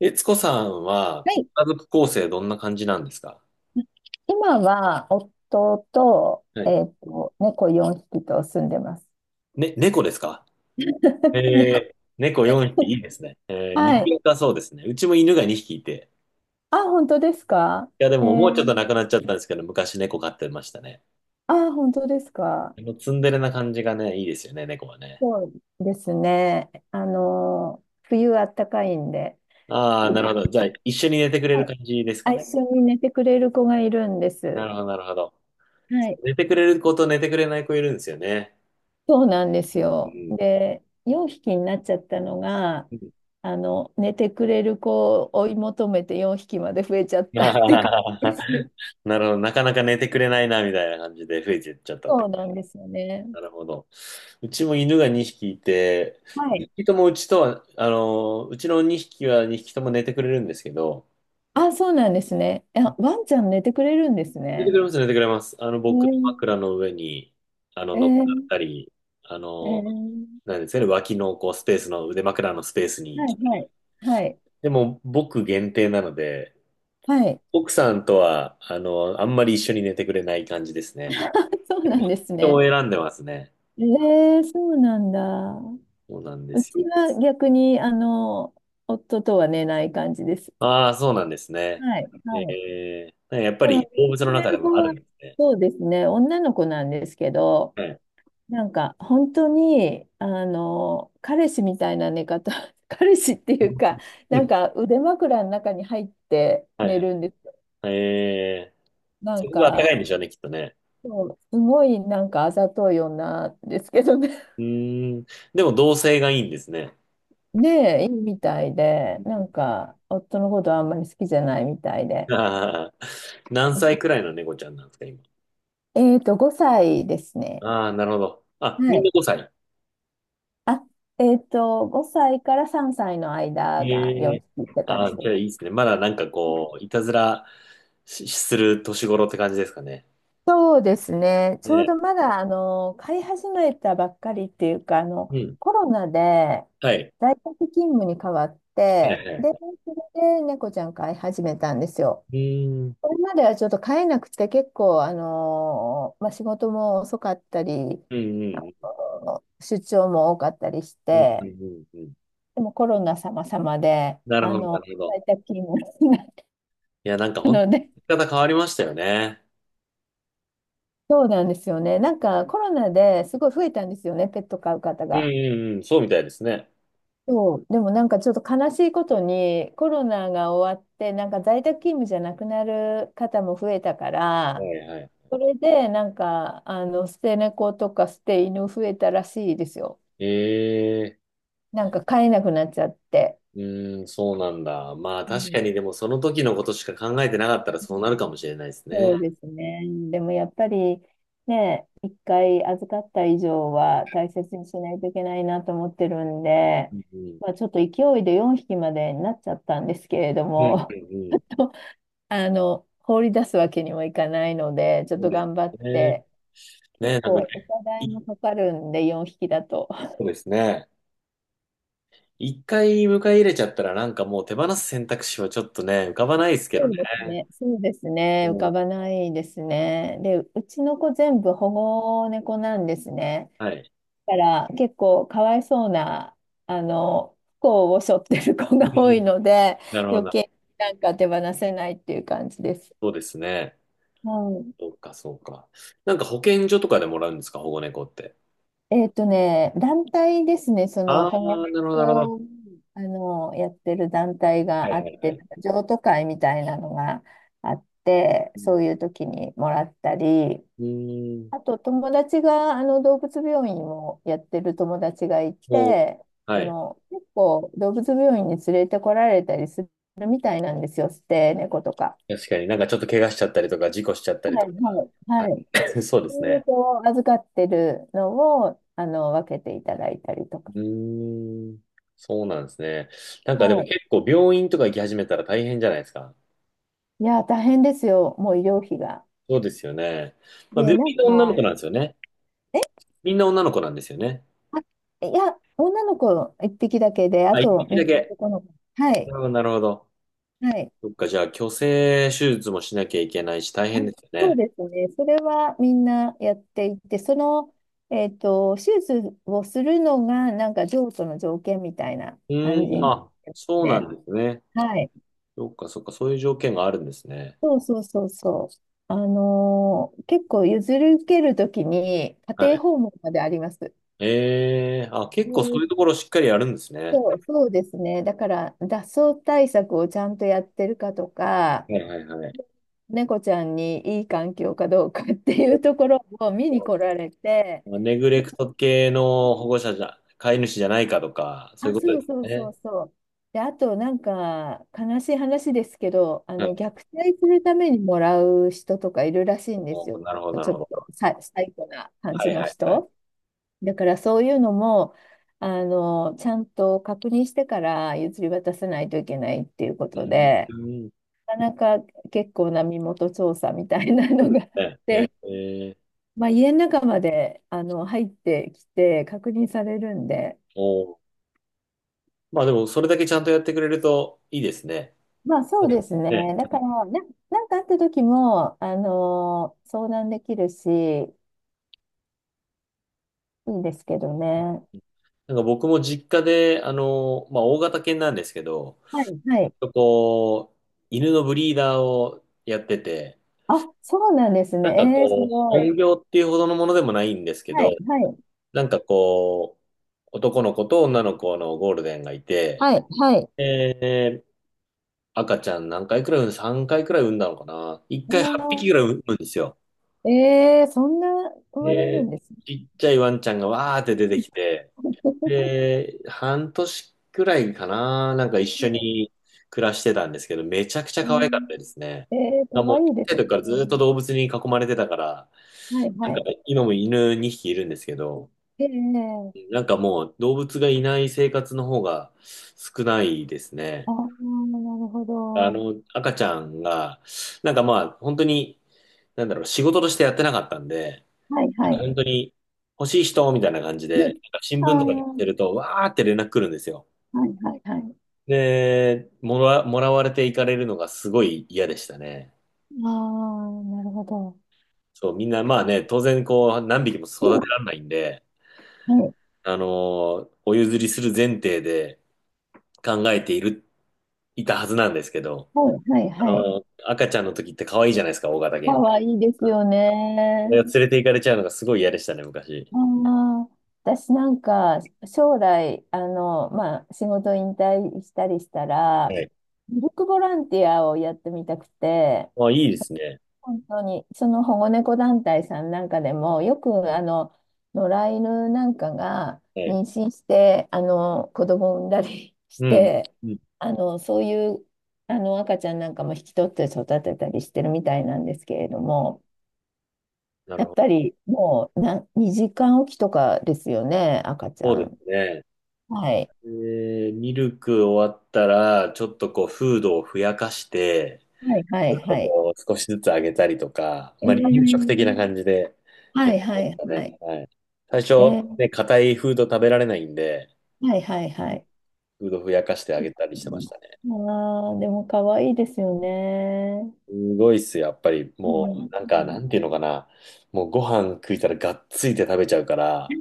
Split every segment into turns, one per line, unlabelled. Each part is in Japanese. えつこさんは、
は
ご
い。
家族構成どんな感じなんですか？
今は、夫と、
はい。
猫4匹と住んでます。
ね、猫ですか？
猫。
えー、猫4匹いいですね。えー、人
はい。
間かそうですね。うちも犬が2匹いて。
あ、本当ですか？
いや、で
え
ももうちょっと
ー、
なくなっちゃったんですけど、昔猫飼ってましたね。
あ、本当ですか？
あのツンデレな感じがね、いいですよね、猫はね。
そうですね。冬あったかいんで、
ああ、
すご
な
い、
るほど。じゃあ、一緒に寝てくれ
は
る
い、
感じですか
あ、
ね。
一緒に寝てくれる子がいるんで
な
す。
るほど、なるほど。
は
そう
い。
寝てくれる子と寝てくれない子いるんですよね。
そうなんです
うんう
よ。
ん
で、4匹になっちゃったのが、
うん
寝てくれる子を追い求めて4匹まで増えちゃっ たって感
な
じです。
るほど。なかなか寝てくれないな、みたいな感じで増えてっちゃったっ
そ
て。
うなんですよね。
なるほど。うちも犬が2匹いて、
はい。
2匹ともうちとは、うちの2匹は2匹とも寝てくれるんですけど、
あ、そうなんですね。え、ワンちゃん寝てくれるんです
寝て
ね。
くれます、寝てくれます。
え
僕の
ー、
枕の上に、
え
乗っかっ
ー、
たり、あ
え
の、
ー、
なんですかね、脇のこうスペースの腕枕のスペースに
は
来
い、
た
は
り。
い。はい、
でも、僕限定なので、
はい。
奥さんとは、あんまり一緒に寝てくれない感じです ね。
あ、そうなんです
人を
ね。
選んでますね。
えー、そうなんだ。
そうなんで
う
す。
ちは逆に、夫とは寝ない感じです。
ああ、そうなんですね。
はい、はい。
ええ、やっぱ
そ
り
の、寝
動
て
物
く
の
れ
中で
る
も
子
ある
は、
んですね。
そうですね、女の子なんですけど、
はい。
なんか本当にあの彼氏みたいな寝方。 彼氏っていうか、
う
なん
ん。
か腕枕の中に入って
はい
寝
はい。
るんですよ。
ええ、
な
そ
ん
こが暖か
か、
いんでしょうね、きっとね。
そう、すごいなんかあざとい女ですけどね。
うーん。でも同性がいいんですね。
ねえ、いいみたいで、なんか夫のことあんまり好きじゃないみたいで。
ああ、何歳くらいの猫ちゃんなんですか、今？
5歳ですね。
ああ、なるほど。あ、
は
みん
い。
な5歳。
あ、5歳から3歳の間が
え
4
え、
匹って感
あ
じ
あ、
で
じ
す。
ゃあいいですね。まだなんかこう、いたずらし、する年頃って感じですかね。
そうですね。ちょう
ね。
どまだ、飼い始めたばっかりっていうか、
うん。
コロナで
はい。
在宅勤務に変わっ
はい
て、
はいは
で、
い。
それで猫ちゃん飼い始めたんですよ。
うーん。
これまではちょっと飼えなくて結構、まあ、仕事も遅かったり、
うん
あ
うん
出張も多かったりし
うん。う
て、
んうんうんうん。
でもコロナ様々で、
なるほど、なるほど。
在宅勤務になっ
いや、なんか
た
本当
ので、
に生き方変わりましたよね。
そうなんですよね。なんかコロナですごい増えたんですよね、ペット飼う方
うん
が。
うんうん、そうみたいですね。
そう、でもなんかちょっと悲しいことにコロナが終わってなんか在宅勤務じゃなくなる方も増えたか
は
ら、
いはい。
それでなんか捨て猫とか捨て犬増えたらしいですよ。
ええ、
なんか飼えなくなっちゃって。
うん、そうなんだ。まあ
う
確
ん、
かにでもその時のことしか考えてなかったらそうなるかもしれないです
そ
ね。
うですね。でもやっぱりね、一回預かった以上は大切にしないといけないなと思ってるんで、
うんうん。
まあ、ちょっと勢いで4匹までになっちゃったんですけれど
うんう
も、
んうん。
放り出すわけにもいかないので、ちょっ
そう
と
で
頑張っ
すね。
て、結
ね、なん
構
か、
お互い
い
もかかるんで、4匹だと。
そうですね。一回迎え入れちゃったらなんかもう手放す選択肢はちょっとね、浮かばないですけ
そ
どね。
うですね、そうですね、浮
うん、
かばないですね。で、うちの子全部保護猫なんですね。
はい。
だから結構かわいそうな、不幸を背負ってる子
う
が
んう
多い
ん、
ので、
なるほ
余
ど。
計なんか手放せないっていう感じです。
そうですね。
はい。
そうか、そうか。なんか保健所とかでもらうんですか、保護猫って？
団体ですね、その
ああ、
保
な
護
るほど、なるほど。
法をやってる団体
は
があ
いは
っ
いは
て、
い。
なんか譲渡会みたいなのがあって、
うん。
そういう時にもらったり、
うーん。
あと友達が動物病院をやってる友達がい
もう、
て、
はい。
結構動物病院に連れてこられたりするみたいなんですよ、捨て猫とか。
確かになんかちょっと怪我しちゃったりとか、事故しちゃったり
は
と
い
か。
は
は
いはい。
い そうで
そう
す
いう
ね。
こう預かってるのを分けていただいたりと
う
か。
ーん。そうなんですね。なん
は
かでも
い、
結構病院とか行き始めたら大変じゃないですか。
いや、大変ですよ、もう医療費が。
そうですよね。まあ、み
で、な
みん
ん
な女の
か、
子なんですよね。みんな女の子なんですよね。
あ、いや、女の子一匹だけで、あ
あ、一
と、
匹
みん
だ
な
け。
男の子。は
な
い、
るほど、なるほど。
はい。
そっか、じゃあ、去勢手術もしなきゃいけないし、大
あ、
変ですよ
そう
ね。
ですね、それはみんなやっていて、その、手術をするのが、なんか、譲渡の条件みたいな
う
感じ
ーん、あ、
です
そうな
ね。
んですね。
はい。
そっかそっか、そういう条件があるんですね。
そうそうそうそう。結構譲り受けるときに、家
は
庭
い。
訪問まであります。
ええ、あ、結構そういう
で、
ところしっかりやるんですね。
そう、そうですね。だから、脱走対策をちゃんとやってるかとか、
はいはいはい。
猫ちゃんにいい環境かどうかっていうところを見に来られて、
ネグレクト系の保護者じゃ、飼い主じゃないかとか、そう
あ、
いうこと
そう
です
そうそう
ね。
そう。で、あと、なんか、悲しい話ですけど、
はい、
虐待するためにもらう人とかいるらしいんですよ。
なるほど、なる
ちょっ
ほど。
とサイコな感
は
じ
い
の
はいはい。
人。だから、そういうのも、ちゃんと確認してから譲り渡さないといけないっていうこ
う
と
んう
で。
ん、
なかなか結構な身元調査みたいな
そ
の
う
が。
で すね。えー、
まあ、家の中まで入ってきて確認されるんで、
おー、まあでも、それだけちゃんとやってくれるといいですね。
まあそう
はい。
です
ね、
ね、だからな、なんかあった時も相談できるし、いいんですけどね。
なんか僕も実家で、まあ、大型犬なんですけど、
はい、はい。
とこう、犬のブリーダーをやってて、
あ、そうなんです
なんか
ね。えー、す
こう、
ごい。
本業っていうほどのものでもないんですけ
は
ど、
い、はい、
なんかこう、男の子と女の子のゴールデンがいて、
はい、はい。
えー赤ちゃん何回くらい産む ?3 回くらい産んだのかな ?1
お
回8
ー、
匹くらい産むんですよ。
えー、そんな生まれる
え
ん
ー
ですね。
ちっちゃいワンちゃんがわーって出てきて、で、半年くらいかな、なんか一
は
緒
い。
に暮らしてたんですけど、めちゃくちゃ
う
可愛かっ
ん、
たですね。
えー、か
もう、
わ
小
いいで
さい
すよ
時からずっ
ね。
と動物に囲まれてたから、
はい、
なん
は
か
い。
今も犬2匹いるんですけど、
ええ、
なんかもう動物がいない生活の方が少ないです
あ
ね。
あ、なるほど。
赤ちゃんが、なんかまあ、本当に、なんだろう、仕事としてやってなかったんで、
はいはい。
本当に欲しい人みたいな感じ
う
で、なん
ん。
か新聞とかで見
あ
てる
あ、
と、わーって連絡来るんですよ。
はいはいはい。
で、もらわれていかれるのがすごい嫌でしたね。
ああ、なるほど。
そう、みんなまあね、当然こう、何匹も育
う
て
ん、
られないんで、
はい
お譲りする前提で考えている、いたはずなんですけど、
はいはい
あ
はい。
のー赤ちゃんの時って可愛いじゃないですか、大型
か
犬。
わいいです
うん。
よ
それ
ね。
を連れて行かれちゃうのがすごい嫌でしたね、昔。
ああ、私なんか将来、まあ仕事引退したりしたら、
はい。
ミルクボランティアをやってみたくて、
まあ、いいですね。
本当に、その保護猫団体さんなんかでも、よく野良犬なんかが
はい。
妊娠して、子供を産んだりし
うん。
て、
うん。
そういう赤ちゃんなんかも引き取って育てたりしてるみたいなんですけれども、
な
や
るほ
っ
ど。
ぱりもうな時間おきとかですよね、赤ち
そう
ゃ
です
ん。
ね。
はい。
でミルク終わったら、ちょっとこう、フードをふやかして、
はいは
ち
い
ょっと
はい。
こう、少しずつ上げたりとか、
え
まあ、離乳食的な
ー、
感じで、や
は
り
い
ま
は
し
い
た
はい。
ね。はい。最初、
えー、
ね、硬いフード食べられないんで、
はいはいはい。
フードふやかしてあげたりしてましたね。
ああ、でも可愛いですよね。
すごいっすよ、やっぱり。
う
も
ん。
う、なんか、なんていうのかな。もう、ご飯食いたらがっついて食べちゃうから、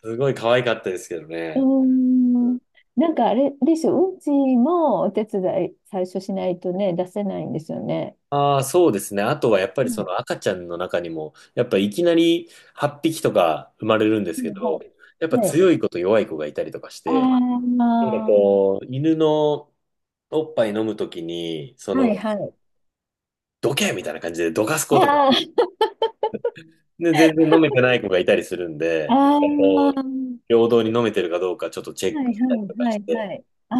すごい可愛かったですけど
う
ね。
ん。うん、なんかあれでしょ、うんちもお手伝い最初しないとね、出せないんですよね。
ああ、そうですね。あとはやっぱ
う
りそ
ん。
の赤ちゃんの中にも、やっぱいきなり8匹とか生まれるんで
う
すけ
ん、は
ど、やっ
い。
ぱ
はい。
強い子と弱い子がいたりとかし
あ
て、なんか
あ、
こう、犬のおっぱい飲むときに、
はいはい。
どけみたいな感じでどかす子とか、
ああ、
で、全然飲めてない子がいたりするん
あ
で、なんか
あ、は
こう、
い
平等に飲めてるかどうかちょっとチェ
は
ッ
い
クしたりとか
は
し
い
て、
はい。あ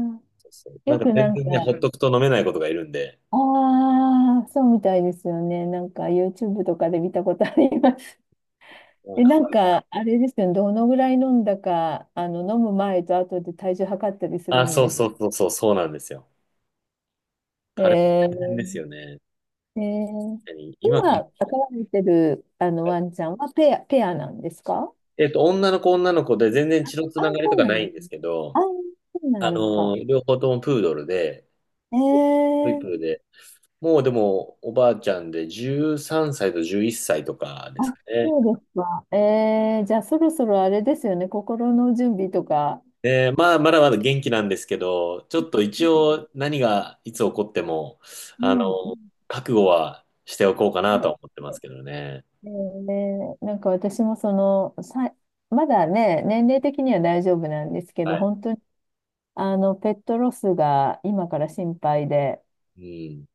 あ、
そうそうなん
よ
か
く
全
なんか、
然ね、ほっとくと飲めない子とかいるんで、
ああ、そうみたいですよね。なんか YouTube とかで見たことあります。
なん
え、
か、
なんか、あれですよね、どのぐらい飲んだか、飲む前と後で体重測ったりする
あ、
ん
そ
で
う
す。
そうそうそう、そうなんですよ。
え
タレも大変で
ー、
すよね。
えー、
確かに今、
今、飼われてる、ワンちゃんはペアなんですか？
女の子女の子で全然血のつ
あ、
ながり
そ
と
う
か
な
な
んで
いん
す
で
ね。
すけ
あ、
ど、
そうなんですか。
両方ともプードルで、
え
トイプ
ー、
ーで、もうでも、おばあちゃんで13歳と11歳とかで
あ、
すかね。
そうですか。えー、じゃあ、そろそろあれですよね、心の準備とか。は
で、まあ、まだまだ元気なんですけど、ち
い、
ょっと一
はい、
応何がいつ起こっても、
う
あの、
ん、は
覚悟はしておこうか
い
なと
は
は思ってますけ
い、
どね。
ねえ、なんか私もその、さ、まだね、年齢的には大丈夫なんですけ
は
ど、
い。
本当にペットロスが今から心配で、
うん。